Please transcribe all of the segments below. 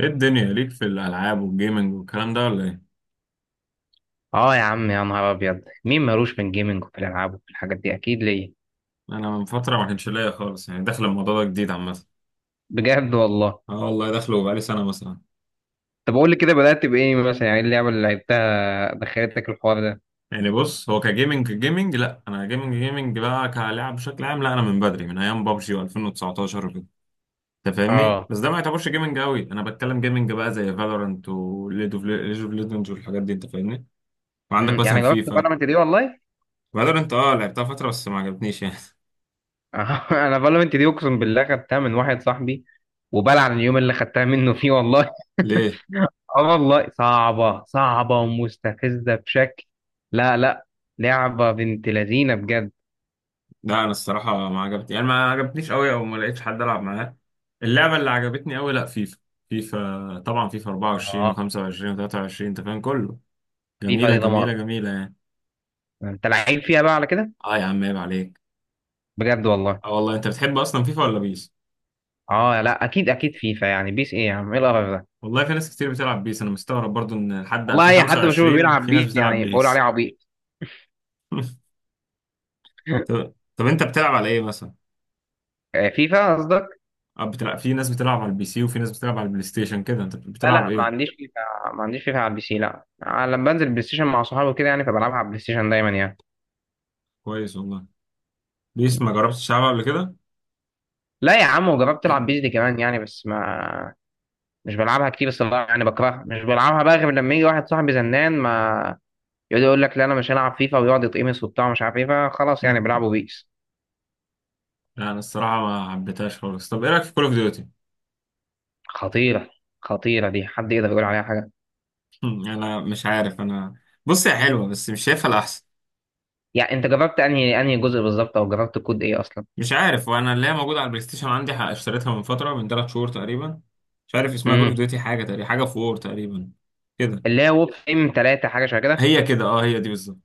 ايه الدنيا ليك في الالعاب والجيمنج والكلام ده ولا ايه؟ اه يا عم، يا نهار ابيض! مين مالوش في الجيمنج وفي الالعاب وفي الحاجات دي؟ اكيد ليه. انا من فتره ما كانش ليا خالص، داخل الموضوع ده جديد عامه. بجد والله؟ اه والله داخله بقالي سنه مثلا. طب قول لي كده، بدات بايه مثلا؟ يعني إيه اللعبه اللي لعبتها دخلتك الحوار ده؟ بص هو كجيمنج جيمنج، لا، انا جيمنج جيمنج بقى كلاعب بشكل عام، لا انا من بدري، من ايام بابجي و2019 وكده. انت فاهمني؟ اه. بس ده ما يعتبرش جيمنج قوي، انا بتكلم جيمنج بقى زي فالورانت وليج اوف ليجندز والحاجات دي، انت فاهمني؟ وعندك مثلا يعني جربت فيفا. فالورنت دي والله. فالورانت اه لعبتها فتره بس ما عجبتنيش يعني. انا فالورنت دي اقسم بالله خدتها من واحد صاحبي، وبلعن اليوم اللي خدتها منه فيه والله. ليه؟ اه والله، صعبه صعبه ومستفزه بشكل. لا لا، لعبه بنت لذينه بجد. لا انا الصراحه ما عجبتني، ما عجبتنيش قوي، او ما لقيتش حد العب معاه. اللعبه اللي عجبتني قوي لا فيفا. فيفا طبعا، فيفا 24 اه، و25 و23، انت فاهم كله، فيفا جميله دي جميله دمار. جميله يعني. انت لعيب فيها بقى على كده؟ اه يا عم، عيب عليك. بجد والله. اه والله، انت بتحب اصلا فيفا ولا بيس؟ اه لا، اكيد اكيد فيفا. يعني بيس؟ ايه يا عم، ايه القرف ده؟ والله في ناس كتير بتلعب بيس، انا مستغرب برضو ان لحد والله، اي حد بشوفه 2025 بيلعب في ناس بيس بتلعب يعني بقول عليه بيس. عبيط. طب طب انت بتلعب على ايه مثلا؟ آه، فيفا قصدك. اه بتلعب، في ناس بتلعب على البي سي وفي ناس بتلعب على البلاي ستيشن، كده انت لا بتلعب لا، ما ايه؟ عنديش فيفا. ما عنديش فيفا على البي سي، لا. لما بنزل بلاي ستيشن مع صحابي كده يعني، فبلعبها على البلاي ستيشن دايما يعني. كويس والله. بيس ما جربتش تلعبها قبل كده؟ لا يا عم، وجربت العب بيس دي كمان يعني، بس ما مش بلعبها كتير. بس والله يعني بكرهها، مش بلعبها بقى غير لما يجي واحد صاحبي زنان ما يقعد يقول لك لا انا مش هلعب فيفا، ويقعد يتقمص وبتاع مش عارف ايه، فخلاص يعني بلعبوا بيس. انا الصراحه ما حبيتهاش خالص. طب ايه رايك في كول اوف ديوتي؟ خطيره. خطيره دي، حد يقدر يقول عليها حاجه؟ انا مش عارف، انا بص هي حلوه بس مش شايفها الاحسن. يعني انت جربت انهي جزء بالظبط، او جربت كود ايه اصلا؟ مش عارف، وانا اللي هي موجوده على البلاي ستيشن عندي اشتريتها من فتره، من 3 شهور تقريبا. مش عارف اسمها، كول امم. اوف ديوتي حاجه تقريبا، حاجه في وور تقريبا كده. اللي هي وور فريم 3 حاجه شبه كده. هي كده اه، هي دي بالظبط.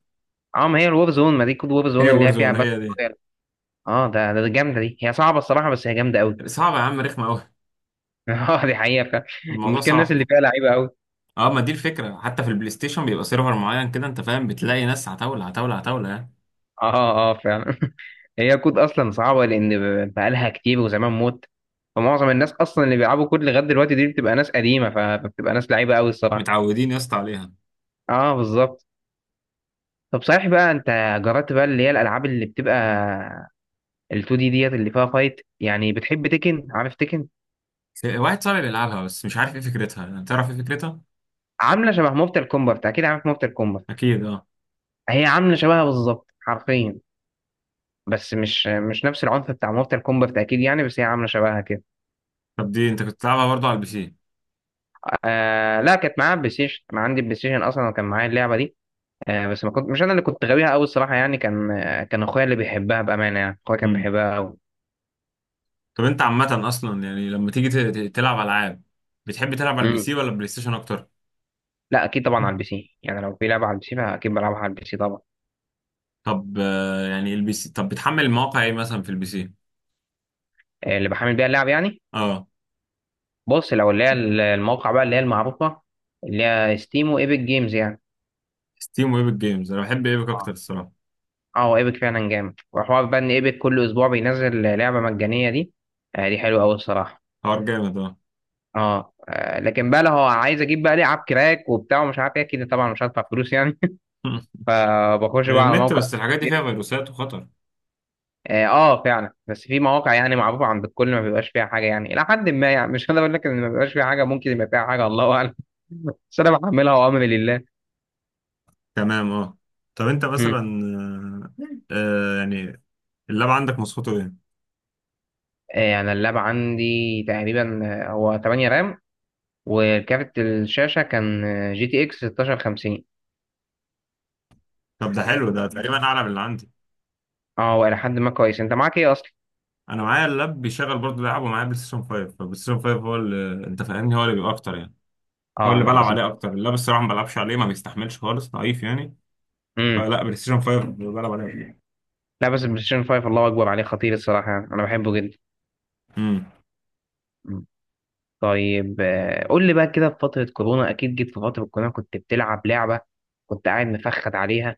اه، ما هي الوور زون، ما دي كود وور هي زون اللي وور هي فيها زون، باتل هي دي. رويال. اه، ده جامده دي، هي صعبه الصراحه بس هي جامده قوي. صعبه يا عم، رخمه قوي. اه دي حقيقه فعلا. الموضوع المشكله الناس صعب. اللي فيها لعيبه قوي. اه ما دي الفكره، حتى في البلاي ستيشن بيبقى سيرفر معين كده، انت فاهم، بتلاقي ناس عتاوله عتاوله عتاوله يعني. اه اه فعلا. هي كود اصلا صعبه، لان بقالها كتير وزمان موت. فمعظم الناس اصلا اللي بيلعبوا كود لغايه دلوقتي دي بتبقى ناس قديمه، فبتبقى ناس لعيبه قوي الصراحه. متعودين يا اسطى عليها. اه بالظبط. طب صحيح بقى، انت جربت بقى اللي هي الالعاب اللي بتبقى ال 2 دي ديت اللي فيها فايت، يعني بتحب تكن، عارف تكن؟ واحد صاحبي بيلعبها بس مش عارف ايه فكرتها، يعني تعرف ايه فكرتها؟ عامله شبه مورتال كومبات، اكيد عارف مورتال كومبات. اكيد اه. هي عامله شبهها بالظبط حرفيا، بس مش نفس العنف بتاع مورتال كومبات اكيد يعني، بس هي عامله شبهها كده. طب دي انت كنت بتلعبها برضو على البي سي؟ لا، كانت معايا بلاي ستيشن، انا عندي بلاي ستيشن اصلا وكان معايا اللعبه دي. بس ما كنت، مش انا اللي كنت غاويها قوي الصراحه يعني، كان كان اخويا اللي بيحبها بامانه يعني، اخويا كان امم. بيحبها قوي. طب انت عامه اصلا، يعني لما تيجي تلعب العاب، بتحب تلعب على البي مم. سي ولا بلاي ستيشن اكتر؟ لا، اكيد طبعا على البي سي يعني، لو في لعبه على البي سي فاكيد بلعبها على البي سي طبعا. طب يعني البي سي، طب بتحمل مواقع ايه مثلا في البي سي؟ اللي بحمل بيها اللعب يعني، اه. بص، لو اللي هي الموقع بقى اللي هي المعروفه، اللي هي ستيم وايبك جيمز يعني. ستيم وايبك جيمز، انا بحب ايبك اكتر اه الصراحه. اه، ايبك فعلا جامد، وحوار بقى ان ايبك كل اسبوع بينزل لعبه مجانيه دي. دي حلوه قوي الصراحه. حوار جامد اه. اه لكن بقى لو هو عايز اجيب بقى لعب كراك وبتاع ومش عارف ايه كده، طبعا مش هدفع فلوس يعني. فبخش من بقى على النت، موقع. بس الحاجات دي فيها فيروسات وخطر. اه فعلا، بس في مواقع يعني معروفه عند الكل ما بيبقاش فيها حاجه يعني الى حد ما، يعني مش هقدر اقول لك ان ما بيبقاش فيها حاجه، ممكن يبقى فيها حاجه الله اعلم. بس انا بحملها وامري لله. تمام اه. طب انت مثلا، آه آه، يعني اللاب عندك مواصفاته ايه؟ انا اللاب عندي تقريبا، هو 8 رام، وكارت الشاشه كان جي تي اكس 1650. طب ده حلو، ده تقريبا اعلى من اللي عندي. اه والى حد ما كويس. انت معاك ايه اصلا؟ انا معايا اللاب بيشغل برضه بيلعب، ومعايا بلاي ستيشن 5، فبلاي ستيشن 5 هو اللي، انت فاهمني، هو اللي بيبقى اكتر يعني. هو اه اللي لا بلعب بس. عليه اكتر، اللاب الصراحه ما بلعبش عليه، ما بيستحملش خالص، ضعيف يعني. امم. فلا، بلاي ستيشن 5 بلعب عليه. لا بس البلاي ستيشن 5 الله اكبر عليه، خطير الصراحه يعني. انا بحبه جدا. امم. مم. طيب قول لي بقى كده، في فتره كورونا اكيد جيت، في فتره كورونا كنت بتلعب لعبه كنت قاعد مفخد عليها.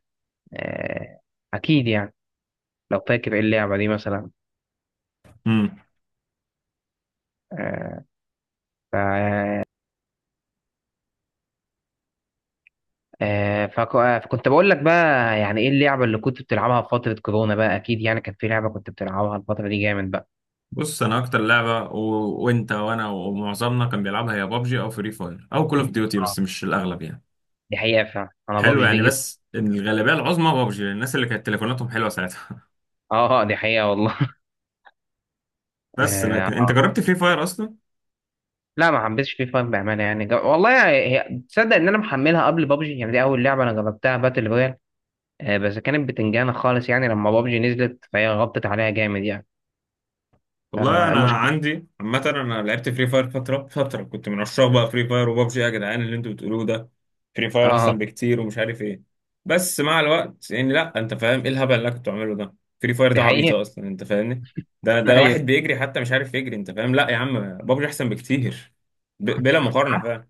آه، اكيد يعني، لو فاكر ايه اللعبه دي مثلا. امم. فكنت بقول لك بقى، يعني ايه اللعبة اللي كنت بتلعبها في فترة كورونا بقى؟ اكيد يعني كان في لعبة كنت بتلعبها الفترة دي جامد بقى. بص انا اكتر لعبه وانت وانا ومعظمنا كان بيلعبها هي بابجي او فري فاير او كول اوف ديوتي، بس اه مش الاغلب يعني. دي حقيقة فعلا، انا حلو بابجي يعني، دي جبت. بس الغالبيه العظمى بابجي، للناس اللي كانت تليفوناتهم حلوه ساعتها. اه دي حقيقة والله. بس اه لكن انت جربت فري فاير اصلا؟ لا، ما حبيتش فيه فرق بأمانة يعني، والله، هي تصدق ان انا محملها قبل بابجي؟ يعني دي اول لعبة انا جربتها باتل رويال. بس كانت بتنجانة خالص يعني، لما بابجي نزلت فهي غطت عليها جامد يعني. والله انا فالمشكلة. عندي عامه، انا لعبت فري فاير فتره، فتره كنت من عشاق بقى فري فاير وبابجي يا جدعان اللي انتوا بتقولوه ده. فري فاير اه احسن بكتير ومش عارف ايه. بس مع الوقت، يعني لا انت فاهم ايه الهبل اللي أنا كنت بعمله ده. فري فاير دي ده عبيطه حقيقة. اصلا، انت فاهمني. ده ده لو ايوه. واحد بيجري حتى مش عارف يجري، انت فاهم، لا يا عم بابجي احسن بكتير. بلا مقارنه فعلا.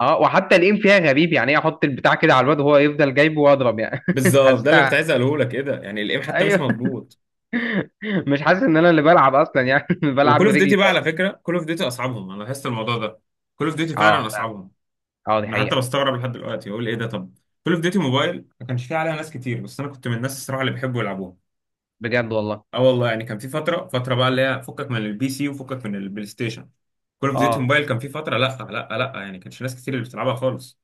اه، وحتى الايم فيها غريب يعني، ايه، احط البتاع كده على الواد وهو يفضل جايبه واضرب يعني بالظبط ده اللي كنت حسيتها. عايز اقوله لك، ايه ده، يعني الايم حتى مش ايوه. مظبوط. مش حاسس ان انا اللي بلعب اصلا يعني وكل بلعب اوف برجلي ديوتي بقى، تقريبا. على فكره كل اوف ديوتي اصعبهم، انا لاحظت الموضوع ده. كل اوف ديوتي فعلا اه فعلا. اصعبهم. اه دي انا حتى حقيقة. بستغرب لحد دلوقتي بقول ايه ده. طب كول اوف ديوتي موبايل، ما كانش فيه عليها ناس كتير، بس انا كنت من الناس الصراحه اللي بيحبوا يلعبوها. بجد والله. اه والله يعني، كان في فتره، فتره بقى اللي هي فكك من البي سي وفكك من البلاي ستيشن، كول اوف ديوتي اه. موبايل كان في فتره، لا لا لا يعني كانش ناس كتير اللي بتلعبها خالص.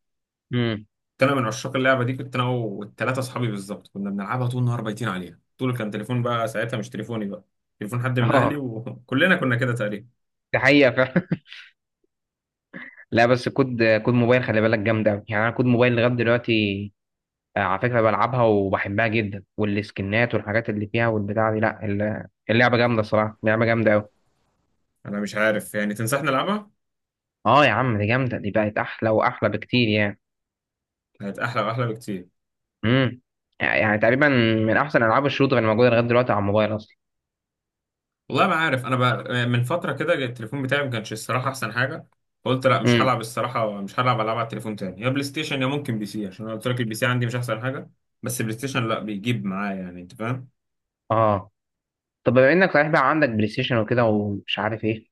امم. كنت انا من عشاق اللعبه دي، كنت انا والثلاثه اصحابي بالظبط كنا بنلعبها طول النهار، بايتين عليها طول، كان تليفون بقى ساعتها، مش تليفوني بقى، تليفون حد من اه اهلي، وكلنا كنا كده تقريبا. دي حقيقة فعلا. لا بس كود، كود موبايل خلي بالك جامد قوي يعني، انا كود موبايل لغاية دلوقتي على فكرة بلعبها وبحبها جدا، والسكنات والحاجات اللي فيها والبتاع دي، لا، اللعبة جامدة الصراحة، لعبة جامدة قوي. انا مش عارف، يعني تنصحني العبها؟ اه يا عم، دي جامدة، دي بقت احلى واحلى بكتير يعني. هتبقى احلى واحلى بكتير. امم، يعني تقريبا من احسن العاب الشوتر اللي موجوده لغايه دلوقتي على الموبايل اصلا. والله ما عارف، انا بقى من فتره كده التليفون بتاعي ما كانش الصراحه احسن حاجه، فقلت لا، مش امم. هلعب الصراحه، مش هلعب العاب على التليفون تاني، يا بلاي ستيشن يا ممكن بي سي، عشان انا قلت لك البي سي عندي مش احسن حاجه. بس بلاي ستيشن لا، بيجيب معايا يعني، انت فاهم. اه. طب بما انك صحيح بقى عندك بلاي ستيشن وكده ومش عارف ايه،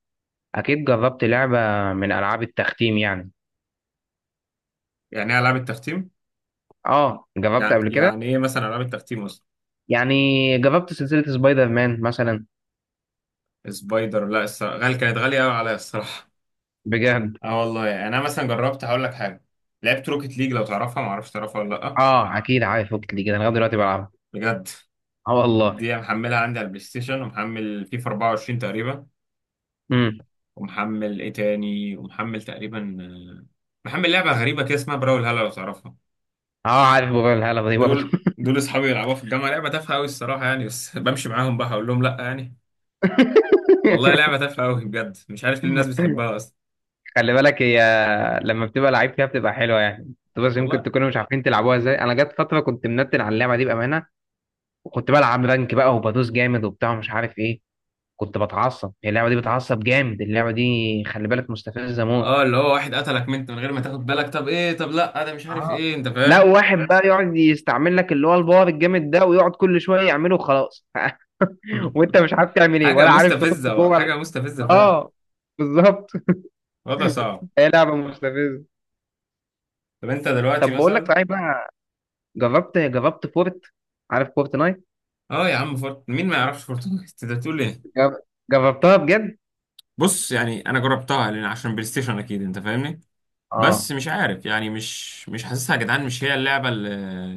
اكيد جربت لعبه من العاب التختيم يعني. يعني ايه العاب التختيم؟ اه، جربت يعني قبل كده؟ يعني ايه مثلا العاب التختيم اصلا؟ يعني جربت سلسله سبايدر مان مثلا. سبايدر لا الصراحه غالي، كانت غاليه قوي عليا الصراحه. بجد. اه والله، يعني انا مثلا جربت هقول لك حاجه، لعبت روكيت ليج، لو تعرفها، ما اعرفش تعرفها ولا لا. اه اكيد عارف، وقت دي كده، أنا لغايه دلوقتي بلعبها. بجد. اه والله. دي محملها عندي على البلاي ستيشن، ومحمل فيفا 24 تقريبا، امم. ومحمل ايه تاني، ومحمل تقريبا محمل لعبة غريبة كده اسمها براول هلا، لو تعرفها. اه عارف، بقول الهلا دي برضه. دول دول اصحابي يلعبوها في الجامعة، لعبة تافهة قوي الصراحة يعني، بس بمشي معاهم بقى اقول لهم لا يعني. والله لعبة تافهة قوي بجد، مش عارف ليه الناس بتحبها اصلا. خلي بالك، هي لما بتبقى لعيب فيها بتبقى حلوه يعني، انتوا بس يمكن والله تكونوا مش عارفين تلعبوها ازاي. انا جت فتره كنت منتن على اللعبه دي بامانه، وكنت بلعب رانك بقى وبدوس جامد وبتاع مش عارف ايه. كنت بتعصب، هي اللعبه دي بتعصب جامد اللعبه دي، خلي بالك مستفزه موت. اه، اللي هو واحد قتلك منت من غير ما تاخد بالك، طب ايه، طب لا انا مش عارف اه، ايه، انت لا، فاهم. واحد بقى يقعد يستعمل لك اللي هو الباور الجامد ده، ويقعد كل شويه يعمله خلاص. وانت مش عارف تعمل ايه، حاجة ولا عارف تنط مستفزة بقى. جوه حاجة مستفزة فعلا. اه بالظبط. وضع صعب. هي لعبه مستفزه. طب انت دلوقتي طب بقول لك مثلا. صحيح بقى، جربت عارف فورت نايت؟ اه يا عم فورت، مين ما يعرفش فورتنايت؟ انت بتقول ايه؟ جر- جربتها بجد. بص يعني انا جربتها لان عشان بلاي ستيشن، اكيد انت فاهمني. اه. بس مش عارف يعني، مش مش حاسسها يا جدعان، مش هي اللعبه اللي،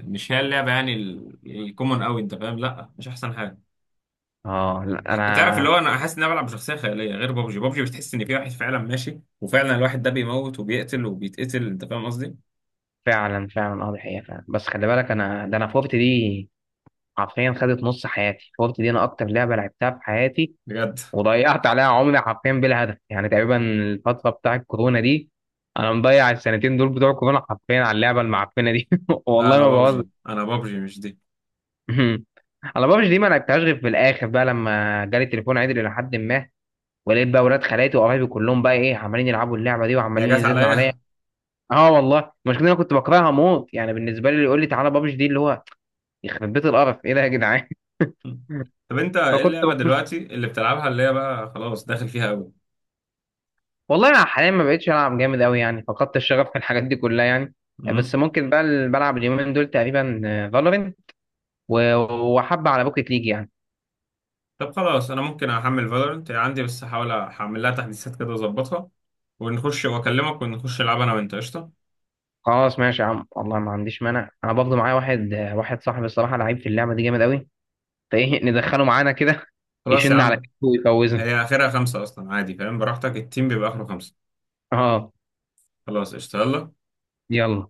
مش هي اللعبه يعني الكومن قوي، انت فاهم، لا مش احسن حاجه. اه لا انا. تعرف اللي هو انا حاسس ان انا بلعب بشخصيه خياليه، غير بابجي، بابجي بتحس ان في واحد فعلا ماشي وفعلا الواحد ده بيموت وبيقتل وبيتقتل، انت فاهم قصدي؟ فعلا فعلا. اه دي حقيقة فعلا، بس خلي بالك، انا ده، انا فورت دي حرفيا خدت نص حياتي، فورت دي انا اكتر لعبة لعبتها في حياتي. بجد. وضيعت عليها عمري حرفيا بلا هدف يعني، تقريبا الفترة بتاع الكورونا دي، انا مضيع السنتين دول بتوع الكورونا حرفيا على اللعبة المعفنة دي لا والله انا ما بهزر. بابجي، انا بابجي مش دي. انا بابجي دي ما لعبتهاش غير في الاخر بقى لما جالي تليفون عدل الى حد ما، ولقيت بقى ولاد خالاتي وقرايبي كلهم بقى ايه عمالين يلعبوا اللعبه دي هي وعمالين جت يزنوا عليا. عليا. اه والله. المشكله إن انا كنت بكرهها موت يعني، بالنسبه لي اللي يقول لي تعالى بابجي دي اللي هو يخرب بيت، القرف ايه ده يا جدعان. طب انت ايه فكنت اللعبه بخش. دلوقتي اللي بتلعبها اللي هي بقى خلاص داخل فيها والله انا حاليا ما بقتش العب جامد قوي يعني، فقدت الشغف في الحاجات دي كلها يعني، قوي؟ بس ممكن بقى اللي بلعب اليومين دول تقريبا فالورنت، وحبه على بوكيت ليج يعني. طب خلاص انا ممكن احمل فالورنت عندي، بس هحاول احمل لها تحديثات كده واظبطها، ونخش واكلمك ونخش العب انا وانت، قشطه. خلاص ماشي يا عم، والله ما عنديش مانع. انا برضه معايا واحد، واحد صاحبي الصراحه لعيب في اللعبه دي جامد قوي، فايه ندخله معانا كده خلاص يا يشن على عم. كتفه ويفوزنا. هي اخرها خمسه اصلا، عادي فاهم، براحتك، التيم بيبقى اخره خمسه. اه خلاص، قشطه، يلا. يلا.